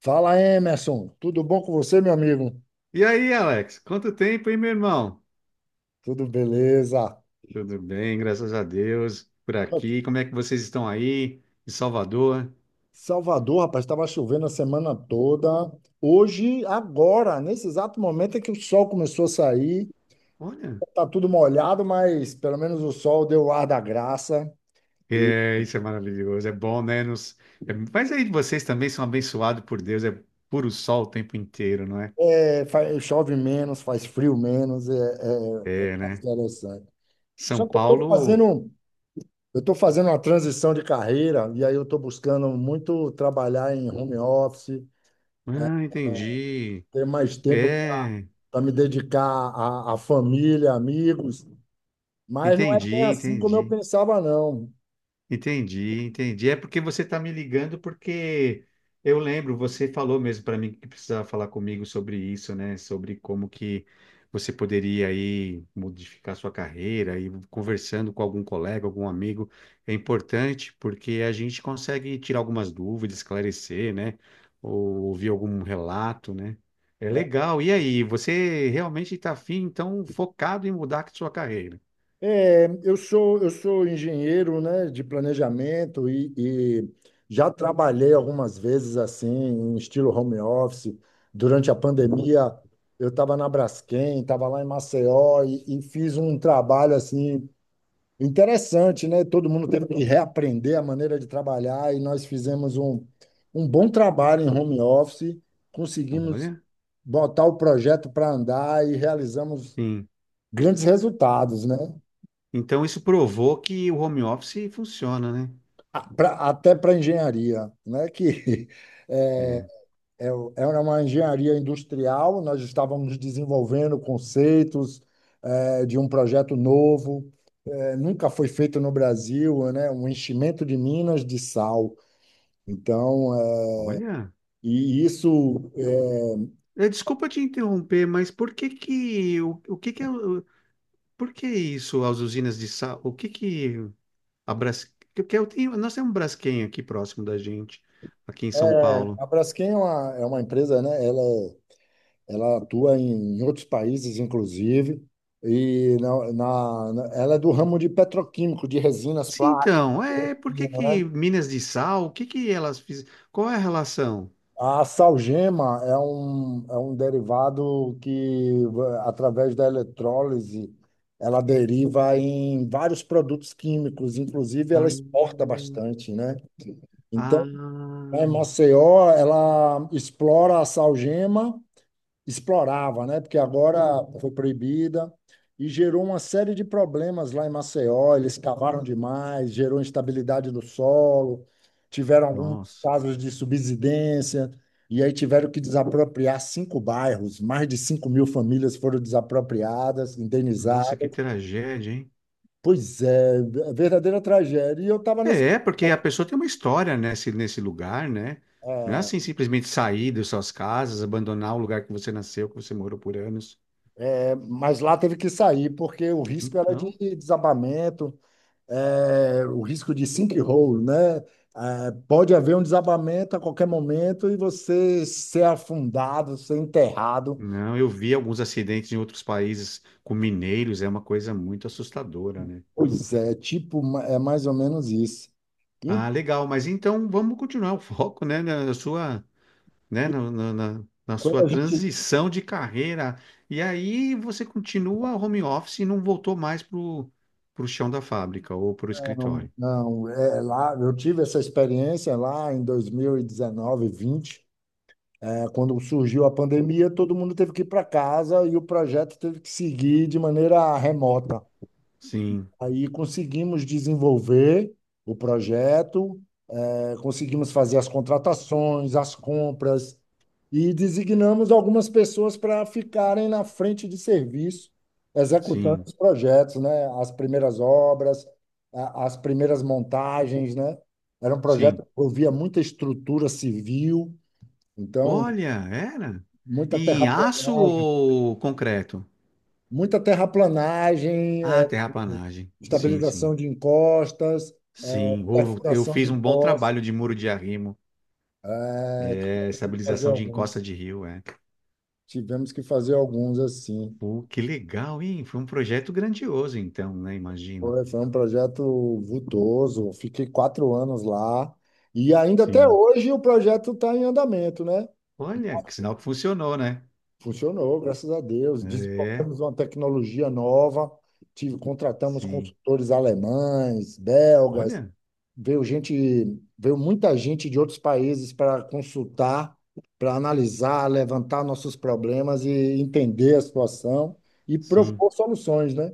Fala, Emerson. Tudo bom com você, meu amigo? E aí, Alex? Quanto tempo, hein, meu irmão? Tudo beleza. Tudo bem, graças a Deus, por Ok. aqui. Como é que vocês estão aí, em Salvador? Salvador, rapaz, estava chovendo a semana toda. Hoje, agora, nesse exato momento é que o sol começou a sair. Olha, Tá tudo molhado, mas pelo menos o sol deu o ar da graça. E é, isso é maravilhoso, é bom, né? Mas aí vocês também são abençoados por Deus, é puro sol o tempo inteiro, não é? é, chove menos, faz frio menos, é É, mais né? interessante. São Só que Paulo, eu estou fazendo uma transição de carreira e aí eu estou buscando muito trabalhar em home office, ah, entendi. ter mais tempo É, para me dedicar à família, amigos, mas não é bem entendi, assim como eu entendi. pensava, não. Entendi, entendi. É porque você está me ligando porque eu lembro, você falou mesmo para mim que precisava falar comigo sobre isso, né? Sobre como que você poderia aí modificar sua carreira e conversando com algum colega, algum amigo, é importante porque a gente consegue tirar algumas dúvidas, esclarecer, né? Ou ouvir algum relato, né? É Né? legal. E aí, você realmente está afim, então, focado em mudar a sua carreira? É, eu sou engenheiro, né, de planejamento e já trabalhei algumas vezes assim, em estilo home office. Durante a pandemia, eu estava na Braskem, estava lá em Maceió e fiz um trabalho assim interessante, né? Todo mundo teve que reaprender a maneira de trabalhar e nós fizemos um bom trabalho em home office, conseguimos Olha, botar o projeto para andar e realizamos sim. grandes resultados, né? Então isso provou que o home office funciona, né? Até para engenharia, né? Que é, É. É uma engenharia industrial, nós estávamos desenvolvendo conceitos de um projeto novo, nunca foi feito no Brasil, né? Um enchimento de minas de sal. Então, é, Olha, e isso é, desculpa te interromper, mas por que que o que que é por que isso as usinas de sal, o que que a Bras, que eu tenho, nós temos um Braskem aqui próximo da gente, aqui em São é, Paulo. a Braskem é uma empresa, né? Ela atua em outros países, inclusive, e ela é do ramo de petroquímico, de resinas Sim, plásticas, então, é, por que né? que minas de sal, o que que elas fizeram? Qual é a relação? A salgema é um derivado que, através da eletrólise, ela deriva em vários produtos químicos, inclusive ela Ah, exporta bastante, né? ah, Então, a Maceió, ela explora a salgema, explorava, né? Porque agora foi proibida e gerou uma série de problemas lá em Maceió. Eles cavaram demais, gerou instabilidade do solo, tiveram alguns nossa, casos de subsidência, e aí tiveram que desapropriar 5 bairros, mais de 5 mil famílias foram desapropriadas, nossa, que indenizadas. tragédia, hein? Pois é, é verdadeira tragédia. E eu estava nesse. É, porque a pessoa tem uma história nesse lugar, né? Não é assim simplesmente sair das suas casas, abandonar o lugar que você nasceu, que você morou por anos. É, mas lá teve que sair, porque o risco era de Então, desabamento. É, o risco de sinkhole, né? É, pode haver um desabamento a qualquer momento e você ser afundado, ser enterrado. não, eu vi alguns acidentes em outros países com mineiros, é uma coisa muito assustadora, né? Pois é, tipo, é mais ou menos isso. E, Ah, legal, mas então vamos continuar o foco, né, na sua, né, e na quando sua a gente. transição de carreira. E aí você continua home office e não voltou mais pro chão da fábrica ou pro Não, escritório. não, é, lá, eu tive essa experiência lá em 2019, 20, é, quando surgiu a pandemia, todo mundo teve que ir para casa e o projeto teve que seguir de maneira remota. Sim, Aí conseguimos desenvolver o projeto. É, conseguimos fazer as contratações, as compras e designamos algumas pessoas para ficarem na frente de serviço, executando sim. os projetos, né? As primeiras obras, as primeiras montagens, né? Era um projeto Sim. que envolvia muita estrutura civil, então Olha, era. muita E em aço terraplanagem, ou concreto? muita terraplanagem, Ah, terraplanagem. Sim, sim. estabilização de encostas, eh, Sim. Ou eu perfuração fiz de um bom poços, trabalho de muro de arrimo, eh, é, fazer estabilização de encosta alguns. de rio, é. Tivemos que fazer alguns assim. Pô, que legal, hein? Foi um projeto grandioso, então, né? Imagino. Foi, foi um projeto vultoso. Fiquei 4 anos lá. E ainda até Sim. hoje o projeto está em andamento, né? Olha, que sinal que funcionou, né? Funcionou, graças a Deus. É, Desenvolvemos uma tecnologia nova. Tive, contratamos sim. consultores alemães, belgas. Olha, Veio gente, veio muita gente de outros países para consultar, para analisar, levantar nossos problemas e entender a situação e sim. propor soluções, né?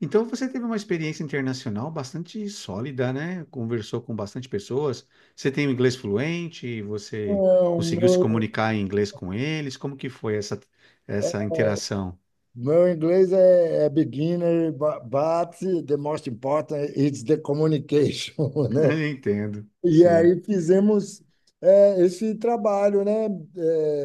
Então você teve uma experiência internacional bastante sólida, né? Conversou com bastante pessoas. Você tem o inglês fluente, você Não, conseguiu se meu comunicar em inglês com eles. Como que foi essa interação? Meu inglês é, é beginner, but the most important is the communication, né? Entendo, E sim. aí fizemos é, esse trabalho, né?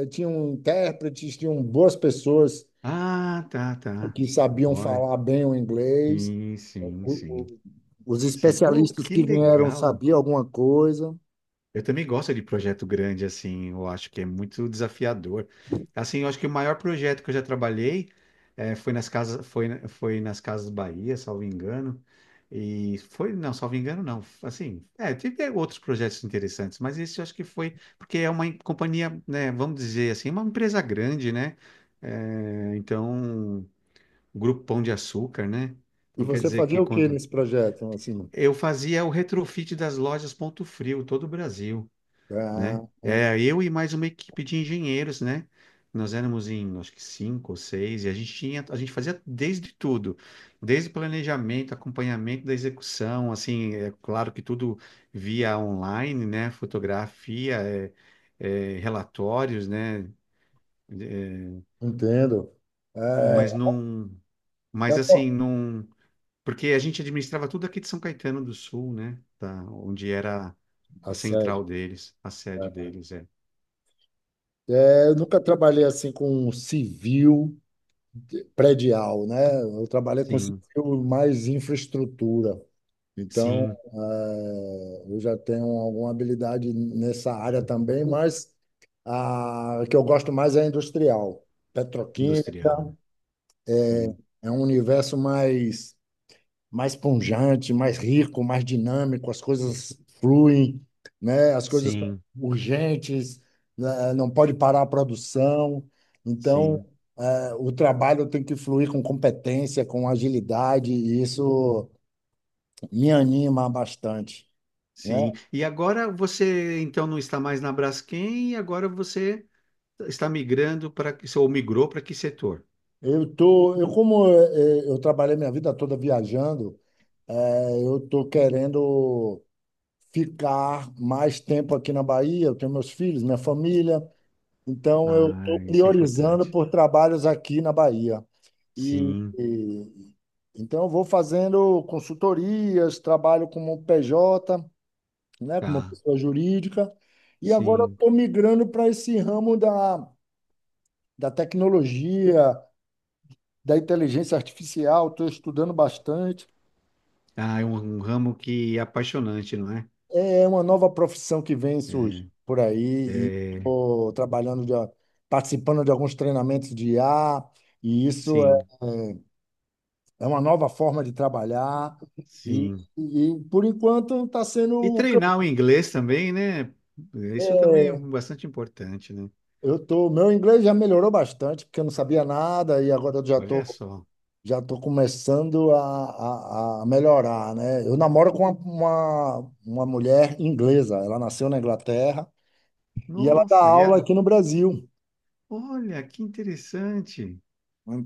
É, tinham intérpretes, tinham boas pessoas Ah, tá, tá. que sabiam Olha, falar bem o inglês. sim, sim, O- sim. o- os Sim, que, oh, especialistas que que vieram legal. sabiam alguma coisa. Eu também gosto de projeto grande, assim, eu acho que é muito desafiador. Assim, eu acho que o maior projeto que eu já trabalhei foi nas casas, foi, foi nas Casas Bahia, salvo engano. E foi, não, salvo engano, não. Assim, é, teve outros projetos interessantes, mas esse eu acho que foi, porque é uma companhia, né, vamos dizer assim, uma empresa grande, né? Então, Grupo Pão de Açúcar, né? E Então quer você dizer fazia que o que quando. nesse projeto? Assim, Eu fazia o retrofit das lojas Ponto Frio, todo o Brasil, né? ah, É, eu e mais uma equipe de engenheiros, né? Nós éramos em, acho que cinco ou seis, e a gente tinha, a gente fazia desde tudo, desde planejamento, acompanhamento da execução, assim, é claro que tudo via online, né? Fotografia, é, relatórios, né? É, entendo. É, mas não, tá mas assim, bom. não, porque a gente administrava tudo aqui de São Caetano do Sul, né? Tá, onde era Tá a central certo. deles, a sede deles, é. É, eu nunca trabalhei assim com civil predial, né? Eu trabalhei com Sim, civil mais infraestrutura. Então, sim. Eu já tenho alguma habilidade nessa área também, mas a que eu gosto mais é industrial. Petroquímica Industrial, né? Sim, é um universo mais pungente, mais rico, mais dinâmico, as coisas fluem, né? As coisas são sim, urgentes, né? Não pode parar a produção. Então, sim, o trabalho tem que fluir com competência, com agilidade, e isso me anima bastante, sim. né? E agora você então não está mais na Braskem e agora você está migrando para que ou migrou para que setor? Eu como eu trabalhei minha vida toda viajando, eu tô querendo ficar mais tempo aqui na Bahia, eu tenho meus filhos, minha família. Então, eu estou Ah, isso é priorizando importante. por trabalhos aqui na Bahia. E, Sim, e- então, eu vou fazendo consultorias, trabalho como PJ, né, como tá, pessoa jurídica, e agora sim. estou migrando para esse ramo da, da tecnologia, da inteligência artificial, estou estudando bastante. Ah, é um ramo que é apaixonante, não é? É uma nova profissão que vem É, surgindo por aí, e é. estou trabalhando, de, participando de alguns treinamentos de IA, e isso Sim, é uma nova forma de trabalhar e, sim. e por enquanto está sendo E o que treinar o inglês também, né? Isso também é bastante importante, né? Meu inglês já melhorou bastante, porque eu não sabia nada e agora Olha só. já tô começando a melhorar, né? Eu namoro com uma mulher inglesa, ela nasceu na Inglaterra e ela dá Nossa, e aula ela. aqui no Brasil. Olha, que interessante.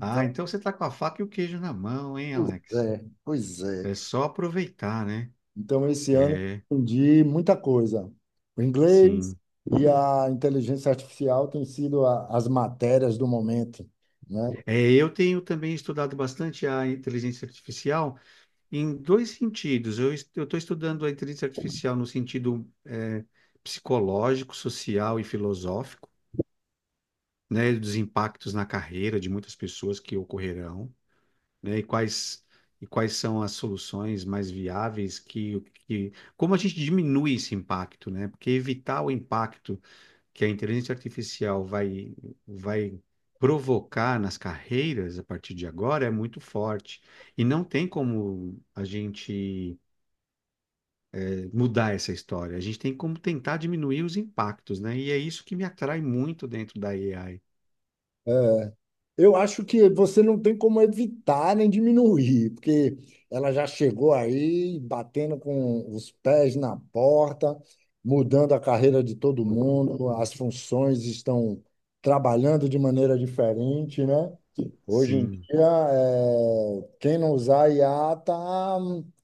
Ah, então você tá com a faca e o queijo na mão, hein, pois Alex? é, pois É é. só aproveitar, né? Então, esse ano, É, eu aprendi muita coisa. O inglês sim. e a inteligência artificial têm sido as matérias do momento, né? É, eu tenho também estudado bastante a inteligência artificial em dois sentidos. Eu estou estudando a inteligência artificial no sentido é, psicológico, social e filosófico, né? Dos impactos na carreira de muitas pessoas que ocorrerão, né? E quais são as soluções mais viáveis que, Como a gente diminui esse impacto, né? Porque evitar o impacto que a inteligência artificial vai provocar nas carreiras a partir de agora é muito forte. E não tem como a gente mudar essa história. A gente tem como tentar diminuir os impactos, né? E é isso que me atrai muito dentro da AI. É, eu acho que você não tem como evitar nem diminuir, porque ela já chegou aí batendo com os pés na porta, mudando a carreira de todo mundo, as funções estão trabalhando de maneira diferente, né? Hoje em Sim. dia, é, quem não usar IA está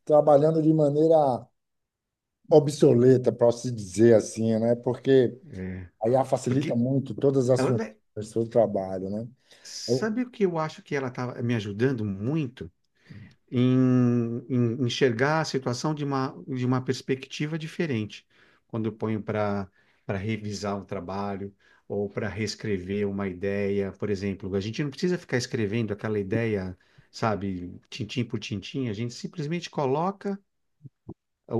trabalhando de maneira obsoleta, para se dizer assim, né? Porque a IA facilita Porque muito todas as ela, funções né, do seu trabalho, né? Eu sabe o que eu acho que ela está me ajudando muito? Em enxergar a situação de uma perspectiva diferente. Quando eu ponho para revisar um trabalho ou para reescrever uma ideia, por exemplo, a gente não precisa ficar escrevendo aquela ideia, sabe, tintim por tintim, a gente simplesmente coloca o,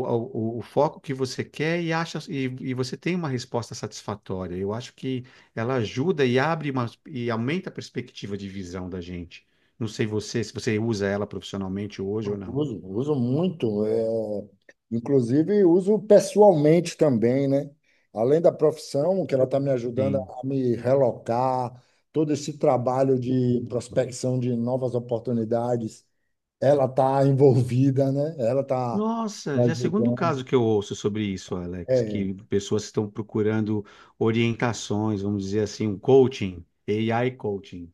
o, o foco que você quer e acha e você tem uma resposta satisfatória. Eu acho que ela ajuda e abre uma, e aumenta a perspectiva de visão da gente. Não sei você, se você usa ela profissionalmente hoje ou não. uso, uso muito, é, inclusive uso pessoalmente também, né? Além da profissão, que ela está me ajudando Sim. a me relocar, todo esse trabalho de prospecção de novas oportunidades ela está envolvida, né? Ela está Nossa, me já é o segundo ajudando. caso que eu ouço sobre isso, Alex, É, que pessoas estão procurando orientações, vamos dizer assim, um coaching, AI coaching.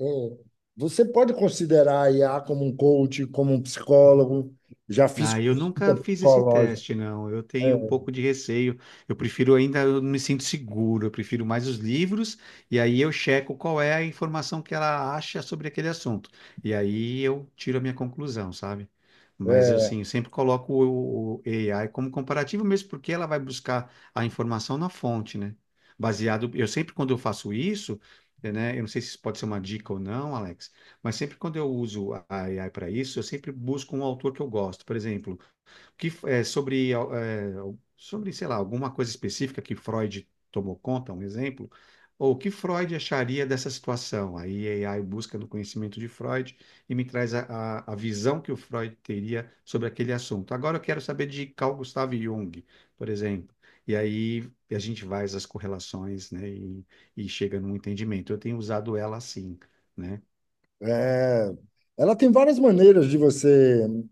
é. Você pode considerar a IA como um coach, como um psicólogo. Já fiz Ah, eu consulta nunca fiz esse psicológica. teste, não. Eu tenho um pouco de receio. Eu prefiro ainda, eu me sinto seguro. Eu prefiro mais os livros e aí eu checo qual é a informação que ela acha sobre aquele assunto. E aí eu tiro a minha conclusão, sabe? Mas É, assim, eu sempre coloco o AI como comparativo mesmo, porque ela vai buscar a informação na fonte, né? Baseado, eu sempre quando eu faço isso, né? Eu não sei se isso pode ser uma dica ou não, Alex. Mas sempre quando eu uso a AI para isso, eu sempre busco um autor que eu gosto. Por exemplo, que é, sobre, ah, é, sobre, sei lá, alguma coisa específica que Freud tomou conta, um exemplo, ou o que Freud acharia dessa situação. Aí a AI busca no conhecimento de Freud e me traz a, a visão que o Freud teria sobre aquele assunto. Agora eu quero saber de Carl Gustav Jung, por exemplo. E aí a gente vai às correlações, né, e chega num entendimento. Eu tenho usado ela assim, né? é, é. Ela tem várias maneiras de você, né,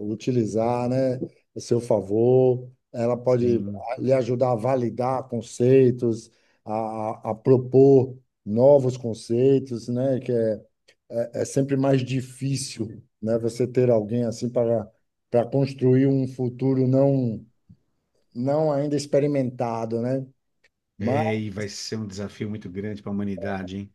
utilizar, né, a seu favor. Ela pode Sim. lhe ajudar a validar conceitos, a, a a propor novos conceitos, né, que é é, é sempre mais difícil, né, você ter alguém assim para para construir um futuro não ainda experimentado, né? Mas, É, e vai ser um desafio muito grande para a humanidade, hein?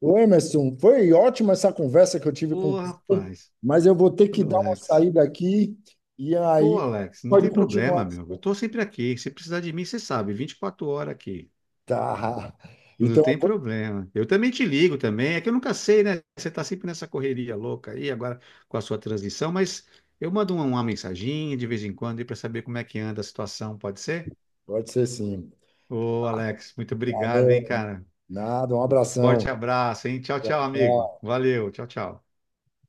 ô, Emerson, foi ótima essa conversa que eu tive com Ô, você, rapaz, mas eu vou ter ô, que dar uma Alex. saída aqui e Pô, aí Alex, não pode tem continuar. problema, meu. Eu tô sempre aqui. Se precisar de mim, você sabe, 24 horas aqui. Tá. Não Então, tem problema. Eu também te ligo também. É que eu nunca sei, né? Você tá sempre nessa correria louca aí, agora com a sua transição, mas eu mando uma mensaginha de vez em quando aí para saber como é que anda a situação, pode ser? pode ser, sim. Ô, Alex, muito obrigado, hein, Valeu. cara. Nada, um Forte abração. abraço, hein? Tchau, tchau, amigo. Tchau. Valeu, tchau, tchau.